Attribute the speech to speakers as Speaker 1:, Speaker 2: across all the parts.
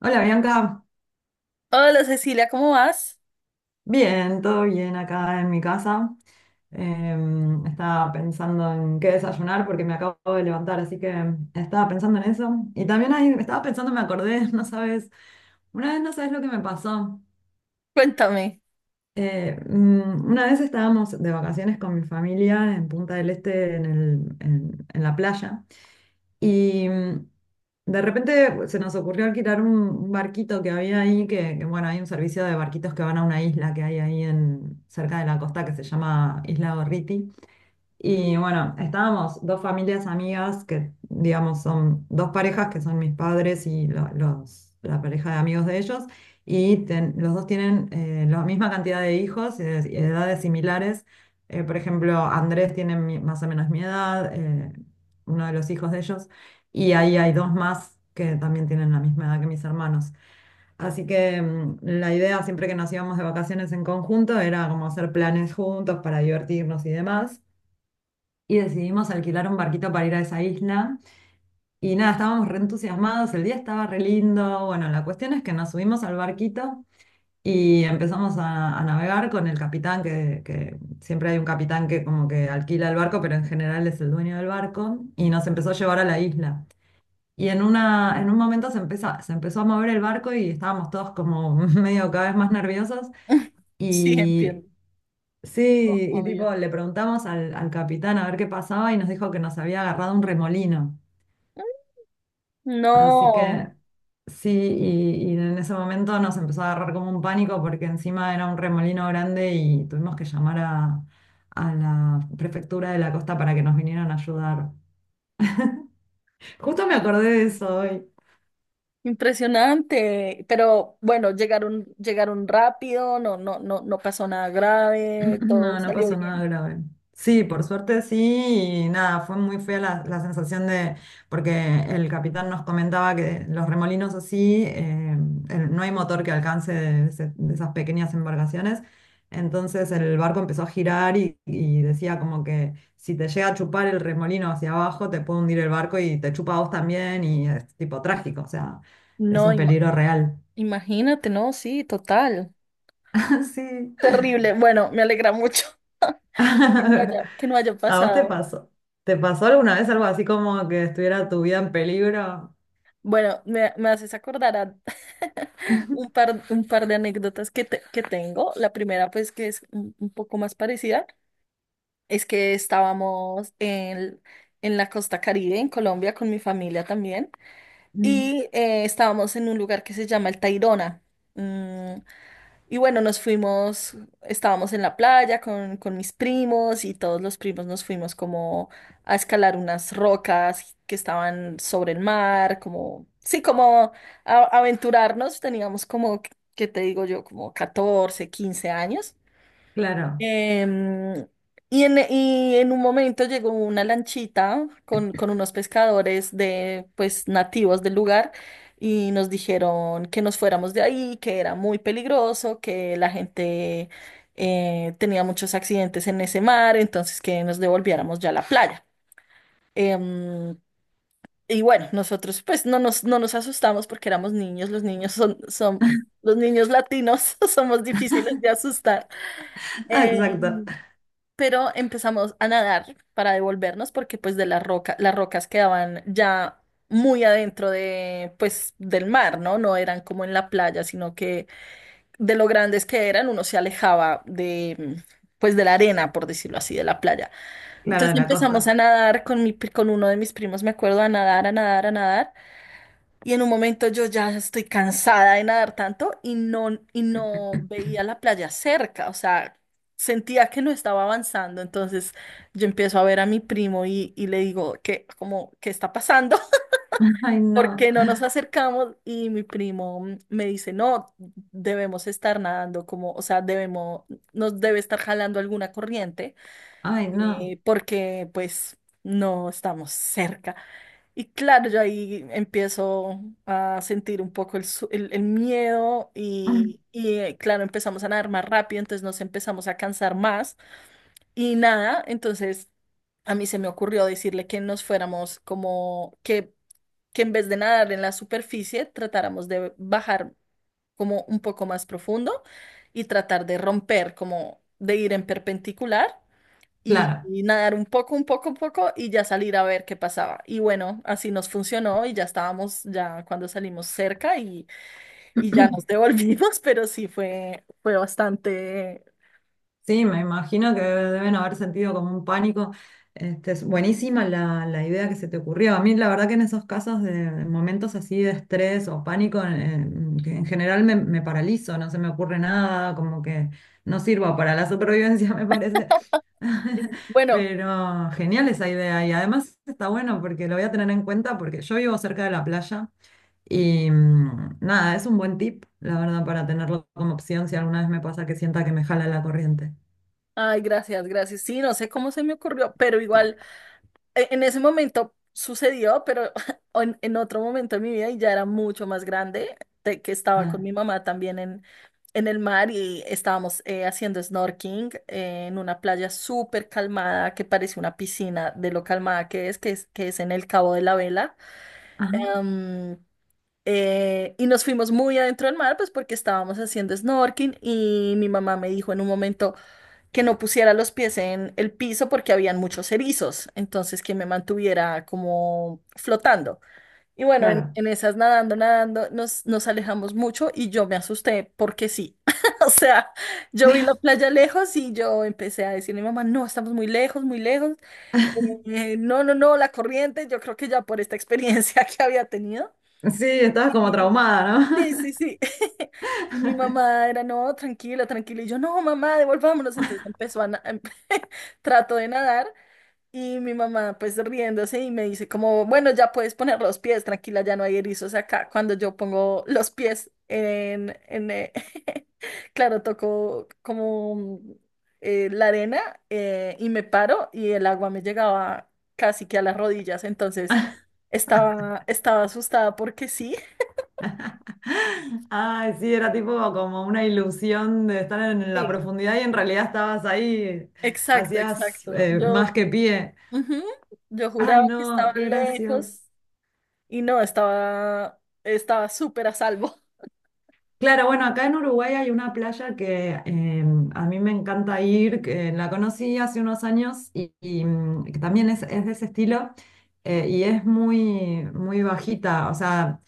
Speaker 1: Hola Bianca,
Speaker 2: Hola Cecilia, ¿cómo vas?
Speaker 1: bien, todo bien acá en mi casa. Estaba pensando en qué desayunar porque me acabo de levantar, así que estaba pensando en eso. Y también ahí estaba pensando, me acordé, no sabes, una vez no sabes lo que me pasó.
Speaker 2: Cuéntame.
Speaker 1: Una vez estábamos de vacaciones con mi familia en Punta del Este, en la playa. Y mm, de repente pues, se nos ocurrió alquilar un barquito que había ahí, que, bueno, hay un servicio de barquitos que van a una isla que hay ahí en, cerca de la costa que se llama Isla Gorriti. Y bueno, estábamos dos familias amigas que, digamos, son dos parejas que son mis padres y los, la pareja de amigos de ellos. Los dos tienen la misma cantidad de hijos y de edades similares. Por ejemplo, Andrés tiene más o menos mi edad, uno de los hijos de ellos. Y ahí hay dos más que también tienen la misma edad que mis hermanos. Así que la idea siempre que nos íbamos de vacaciones en conjunto era como hacer planes juntos para divertirnos y demás y decidimos alquilar un barquito para ir a esa isla. Y nada, estábamos re entusiasmados, el día estaba re lindo. Bueno, la cuestión es que nos subimos al barquito y empezamos a navegar con el capitán, que siempre hay un capitán que como que alquila el barco, pero en general es el dueño del barco, y nos empezó a llevar a la isla. En un momento se empezó a mover el barco y estábamos todos como medio cada vez más nerviosos.
Speaker 2: Sí,
Speaker 1: Y
Speaker 2: entiendo.
Speaker 1: sí, y tipo,
Speaker 2: Obvio.
Speaker 1: le preguntamos al capitán a ver qué pasaba y nos dijo que nos había agarrado un remolino. Así que
Speaker 2: No,
Speaker 1: sí, y en ese momento nos empezó a agarrar como un pánico porque encima era un remolino grande y tuvimos que llamar a la prefectura de la costa para que nos vinieran a ayudar. Justo me acordé de eso hoy.
Speaker 2: impresionante. Pero bueno, llegaron, llegaron rápido, no, no, no, no pasó nada grave, todo
Speaker 1: No, no
Speaker 2: salió
Speaker 1: pasó nada
Speaker 2: bien.
Speaker 1: grave. Sí, por suerte sí, y nada, fue muy fea la, la sensación de, porque el capitán nos comentaba que los remolinos así, no hay motor que alcance de, de esas pequeñas embarcaciones, entonces el barco empezó a girar y decía como que si te llega a chupar el remolino hacia abajo, te puede hundir el barco y te chupa a vos también y es tipo trágico, o sea, es
Speaker 2: No,
Speaker 1: un peligro real.
Speaker 2: imagínate, no, sí, total.
Speaker 1: Sí.
Speaker 2: Terrible. Bueno, me alegra mucho que no haya, que no haya
Speaker 1: ¿A vos te
Speaker 2: pasado.
Speaker 1: pasó? ¿Te pasó alguna vez algo así como que estuviera tu vida en peligro?
Speaker 2: Bueno, me haces acordar a un par de anécdotas que tengo. La primera, pues, que es un poco más parecida. Es que estábamos en la costa Caribe, en Colombia, con mi familia también.
Speaker 1: Mm.
Speaker 2: Y estábamos en un lugar que se llama El Tayrona. Mm, y bueno, nos fuimos, estábamos en la playa con mis primos y todos los primos nos fuimos como a escalar unas rocas que estaban sobre el mar, como, sí, como aventurarnos. Teníamos como, ¿qué te digo yo? Como 14 15 años.
Speaker 1: Claro.
Speaker 2: Em, y en un momento llegó una lanchita con unos pescadores pues, nativos del lugar y nos dijeron que nos fuéramos de ahí, que era muy peligroso, que la gente tenía muchos accidentes en ese mar, entonces que nos devolviéramos ya a la playa. Em, y bueno, nosotros pues no nos asustamos porque éramos niños, los niños latinos somos difíciles de asustar.
Speaker 1: Ah, exacto.
Speaker 2: Em, pero empezamos a nadar para devolvernos porque pues las rocas quedaban ya muy adentro de pues del mar, ¿no? No eran como en la playa, sino que de lo grandes que eran uno se alejaba de pues de la arena, por decirlo así, de la playa.
Speaker 1: Claro,
Speaker 2: Entonces
Speaker 1: de la
Speaker 2: empezamos a
Speaker 1: costa.
Speaker 2: nadar con uno de mis primos, me acuerdo, a nadar, a nadar, a nadar. Y en un momento yo ya estoy cansada de nadar tanto y no veía la playa cerca, o sea, sentía que no estaba avanzando. Entonces yo empiezo a ver a mi primo y le digo que, como, ¿qué está pasando?
Speaker 1: Ay,
Speaker 2: ¿Por
Speaker 1: no.
Speaker 2: qué no nos acercamos? Y mi primo me dice, no, debemos estar nadando, como, o sea, debemos, nos debe estar jalando alguna corriente,
Speaker 1: Ay, no.
Speaker 2: porque pues no estamos cerca. Y claro, yo ahí empiezo a sentir un poco el miedo
Speaker 1: Mm.
Speaker 2: y, claro, empezamos a nadar más rápido, entonces nos empezamos a cansar más y nada, entonces a mí se me ocurrió decirle que nos fuéramos como que en vez de nadar en la superficie, tratáramos de bajar como un poco más profundo y tratar de romper, como de ir en perpendicular
Speaker 1: Claro.
Speaker 2: y nadar un poco, un poco, un poco y ya salir a ver qué pasaba. Y bueno, así nos funcionó y ya cuando salimos cerca y ya nos devolvimos, pero sí fue bastante
Speaker 1: Sí, me imagino que deben haber sentido como un pánico. Este, es buenísima la, la idea que se te ocurrió. A mí la verdad que en esos casos de momentos así de estrés o pánico, en, que en general me, me paralizo, no se me ocurre nada, como que no sirvo para la supervivencia, me parece.
Speaker 2: bueno.
Speaker 1: Pero genial esa idea y además está bueno porque lo voy a tener en cuenta porque yo vivo cerca de la playa y nada, es un buen tip, la verdad, para tenerlo como opción si alguna vez me pasa que sienta que me jala la corriente.
Speaker 2: Ay, gracias, gracias. Sí, no sé cómo se me ocurrió, pero igual. En ese momento sucedió, pero en otro momento de mi vida y ya era mucho más grande, de que estaba con
Speaker 1: Ah,
Speaker 2: mi mamá también en el mar y estábamos haciendo snorkeling en una playa súper calmada que parece una piscina de lo calmada que es, que es en el Cabo de la Vela.
Speaker 1: ajá,
Speaker 2: Am, y nos fuimos muy adentro del mar, pues porque estábamos haciendo snorkeling y mi mamá me dijo en un momento que no pusiera los pies en el piso porque habían muchos erizos, entonces que me mantuviera como flotando. Y bueno, en,
Speaker 1: claro.
Speaker 2: en esas nadando, nadando, nos alejamos mucho y yo me asusté porque sí. O sea, yo vi la playa lejos y yo empecé a decirle a mi mamá, no, estamos muy lejos, muy lejos. No, no, no, la corriente, yo creo que ya por esta experiencia que había tenido.
Speaker 1: Sí, estabas como traumada,
Speaker 2: Sí,
Speaker 1: ¿no?
Speaker 2: sí, sí. Y mi mamá era, no, tranquila, tranquila. Y yo, no, mamá, devolvámonos. Entonces empezó trato de nadar y mi mamá pues riéndose y me dice como, bueno, ya puedes poner los pies, tranquila, ya no hay erizos acá. Cuando yo pongo los pies en claro, toco como la arena y me paro y el agua me llegaba casi que a las rodillas. Entonces estaba, estaba asustada porque sí.
Speaker 1: Ay, sí, era tipo como una ilusión de estar en la profundidad y en realidad estabas ahí,
Speaker 2: Exacto,
Speaker 1: hacías
Speaker 2: exacto.
Speaker 1: más que pie.
Speaker 2: Ujú, yo juraba
Speaker 1: Ay,
Speaker 2: que
Speaker 1: no,
Speaker 2: estaba
Speaker 1: qué gracioso.
Speaker 2: lejos y no, estaba súper a salvo.
Speaker 1: Claro, bueno, acá en Uruguay hay una playa que a mí me encanta ir, que la conocí hace unos años y, que también es de ese estilo y es muy, muy bajita, o sea...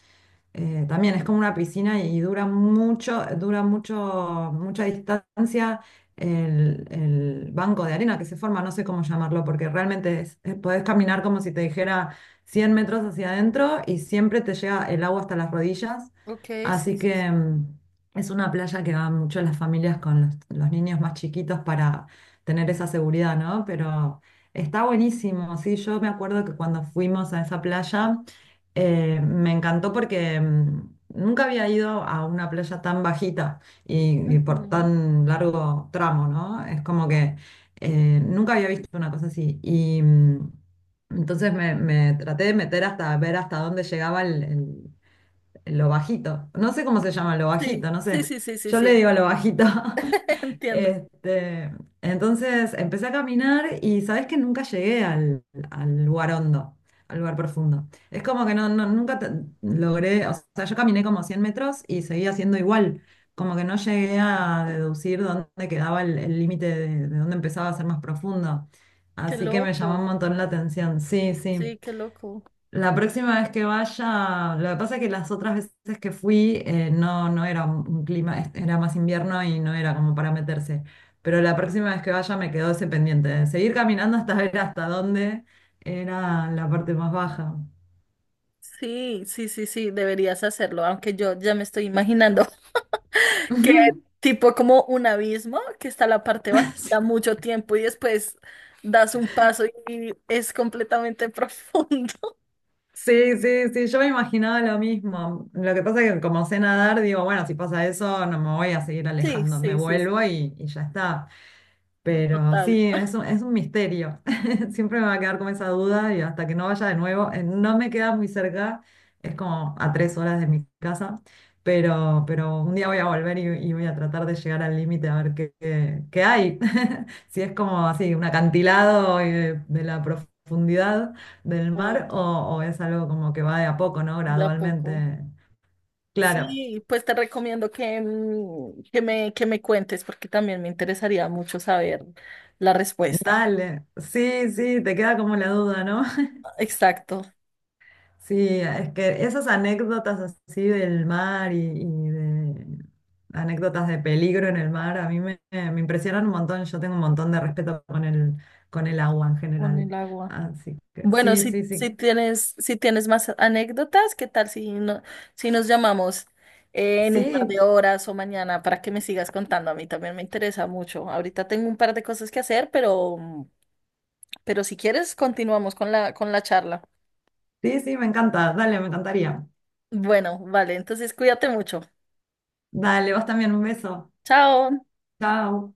Speaker 1: También es como una piscina y dura mucho, mucha distancia el banco de arena que se forma, no sé cómo llamarlo, porque realmente podés caminar como si te dijera 100 metros hacia adentro y siempre te llega el agua hasta las rodillas.
Speaker 2: Ok, sí,
Speaker 1: Así
Speaker 2: sí, sí.
Speaker 1: que es una playa que van mucho las familias con los niños más chiquitos para tener esa seguridad, ¿no? Pero está buenísimo, sí, yo me acuerdo que cuando fuimos a esa playa... Me encantó porque nunca había ido a una playa tan bajita y por
Speaker 2: Ujú.
Speaker 1: tan largo tramo, ¿no? Es como que nunca había visto una cosa así. Y entonces me traté de meter hasta ver hasta dónde llegaba lo bajito. No sé cómo se llama, lo
Speaker 2: Sí,
Speaker 1: bajito, no
Speaker 2: sí,
Speaker 1: sé.
Speaker 2: sí, sí, sí,
Speaker 1: Yo le
Speaker 2: sí.
Speaker 1: digo lo bajito.
Speaker 2: Entiendo.
Speaker 1: Este, entonces empecé a caminar y sabes que nunca llegué al, al lugar hondo, al lugar profundo. Es como que nunca logré, o sea, yo caminé como 100 metros y seguía siendo igual, como que no llegué a deducir dónde quedaba el límite de dónde empezaba a ser más profundo.
Speaker 2: Qué
Speaker 1: Así que me llamó un
Speaker 2: loco.
Speaker 1: montón la atención, sí, sí.
Speaker 2: Sí, qué loco.
Speaker 1: La próxima vez que vaya, lo que pasa es que las otras veces que fui no, no era un clima, era más invierno y no era como para meterse. Pero la próxima vez que vaya me quedó ese pendiente de seguir caminando hasta ver hasta dónde era la parte más baja.
Speaker 2: Sí, sí, sí, sí, deberías hacerlo, aunque yo ya me estoy imaginando que
Speaker 1: Ujú.
Speaker 2: tipo como un abismo que está la parte bajita mucho tiempo y después das un paso y es completamente profundo.
Speaker 1: Sí, sí, sí, sí, yo me imaginaba lo mismo. Lo que pasa es que como sé nadar, digo, bueno, si pasa eso, no me voy a seguir
Speaker 2: Sí,
Speaker 1: alejando, me
Speaker 2: sí, sí,
Speaker 1: vuelvo y ya está. Pero
Speaker 2: total,
Speaker 1: sí, es un misterio. Siempre me va a quedar con esa duda y hasta que no vaya de nuevo, no me queda muy cerca, es como a 3 horas de mi casa, pero un día voy a volver y voy a tratar de llegar al límite a ver qué, qué hay. Si es como así, un acantilado de, la profundidad del
Speaker 2: o
Speaker 1: mar o es algo como que va de a poco, ¿no?
Speaker 2: de a poco.
Speaker 1: Gradualmente. Claro,
Speaker 2: Sí, pues te recomiendo que me cuentes porque también me interesaría mucho saber la respuesta.
Speaker 1: dale. Sí, sí, te queda como la duda, ¿no?
Speaker 2: Exacto,
Speaker 1: Sí, es que esas anécdotas así del mar y de anécdotas de peligro en el mar a mí me, me impresionan un montón. Yo tengo un montón de respeto con el agua en
Speaker 2: con el
Speaker 1: general.
Speaker 2: agua.
Speaker 1: Así que
Speaker 2: Bueno,
Speaker 1: sí,
Speaker 2: si,
Speaker 1: sí,
Speaker 2: si
Speaker 1: sí.
Speaker 2: tienes, si tienes más anécdotas, ¿qué tal no, si nos llamamos en un par de
Speaker 1: Sí,
Speaker 2: horas o mañana para que me sigas contando? A mí también me interesa mucho. Ahorita tengo un par de cosas que hacer, pero, mm, pero si quieres, continuamos con la, charla.
Speaker 1: sí, sí, me encanta. Dale, me encantaría.
Speaker 2: Bueno, vale, entonces cuídate mucho.
Speaker 1: Dale, vos también, un beso.
Speaker 2: Chao.
Speaker 1: Chao.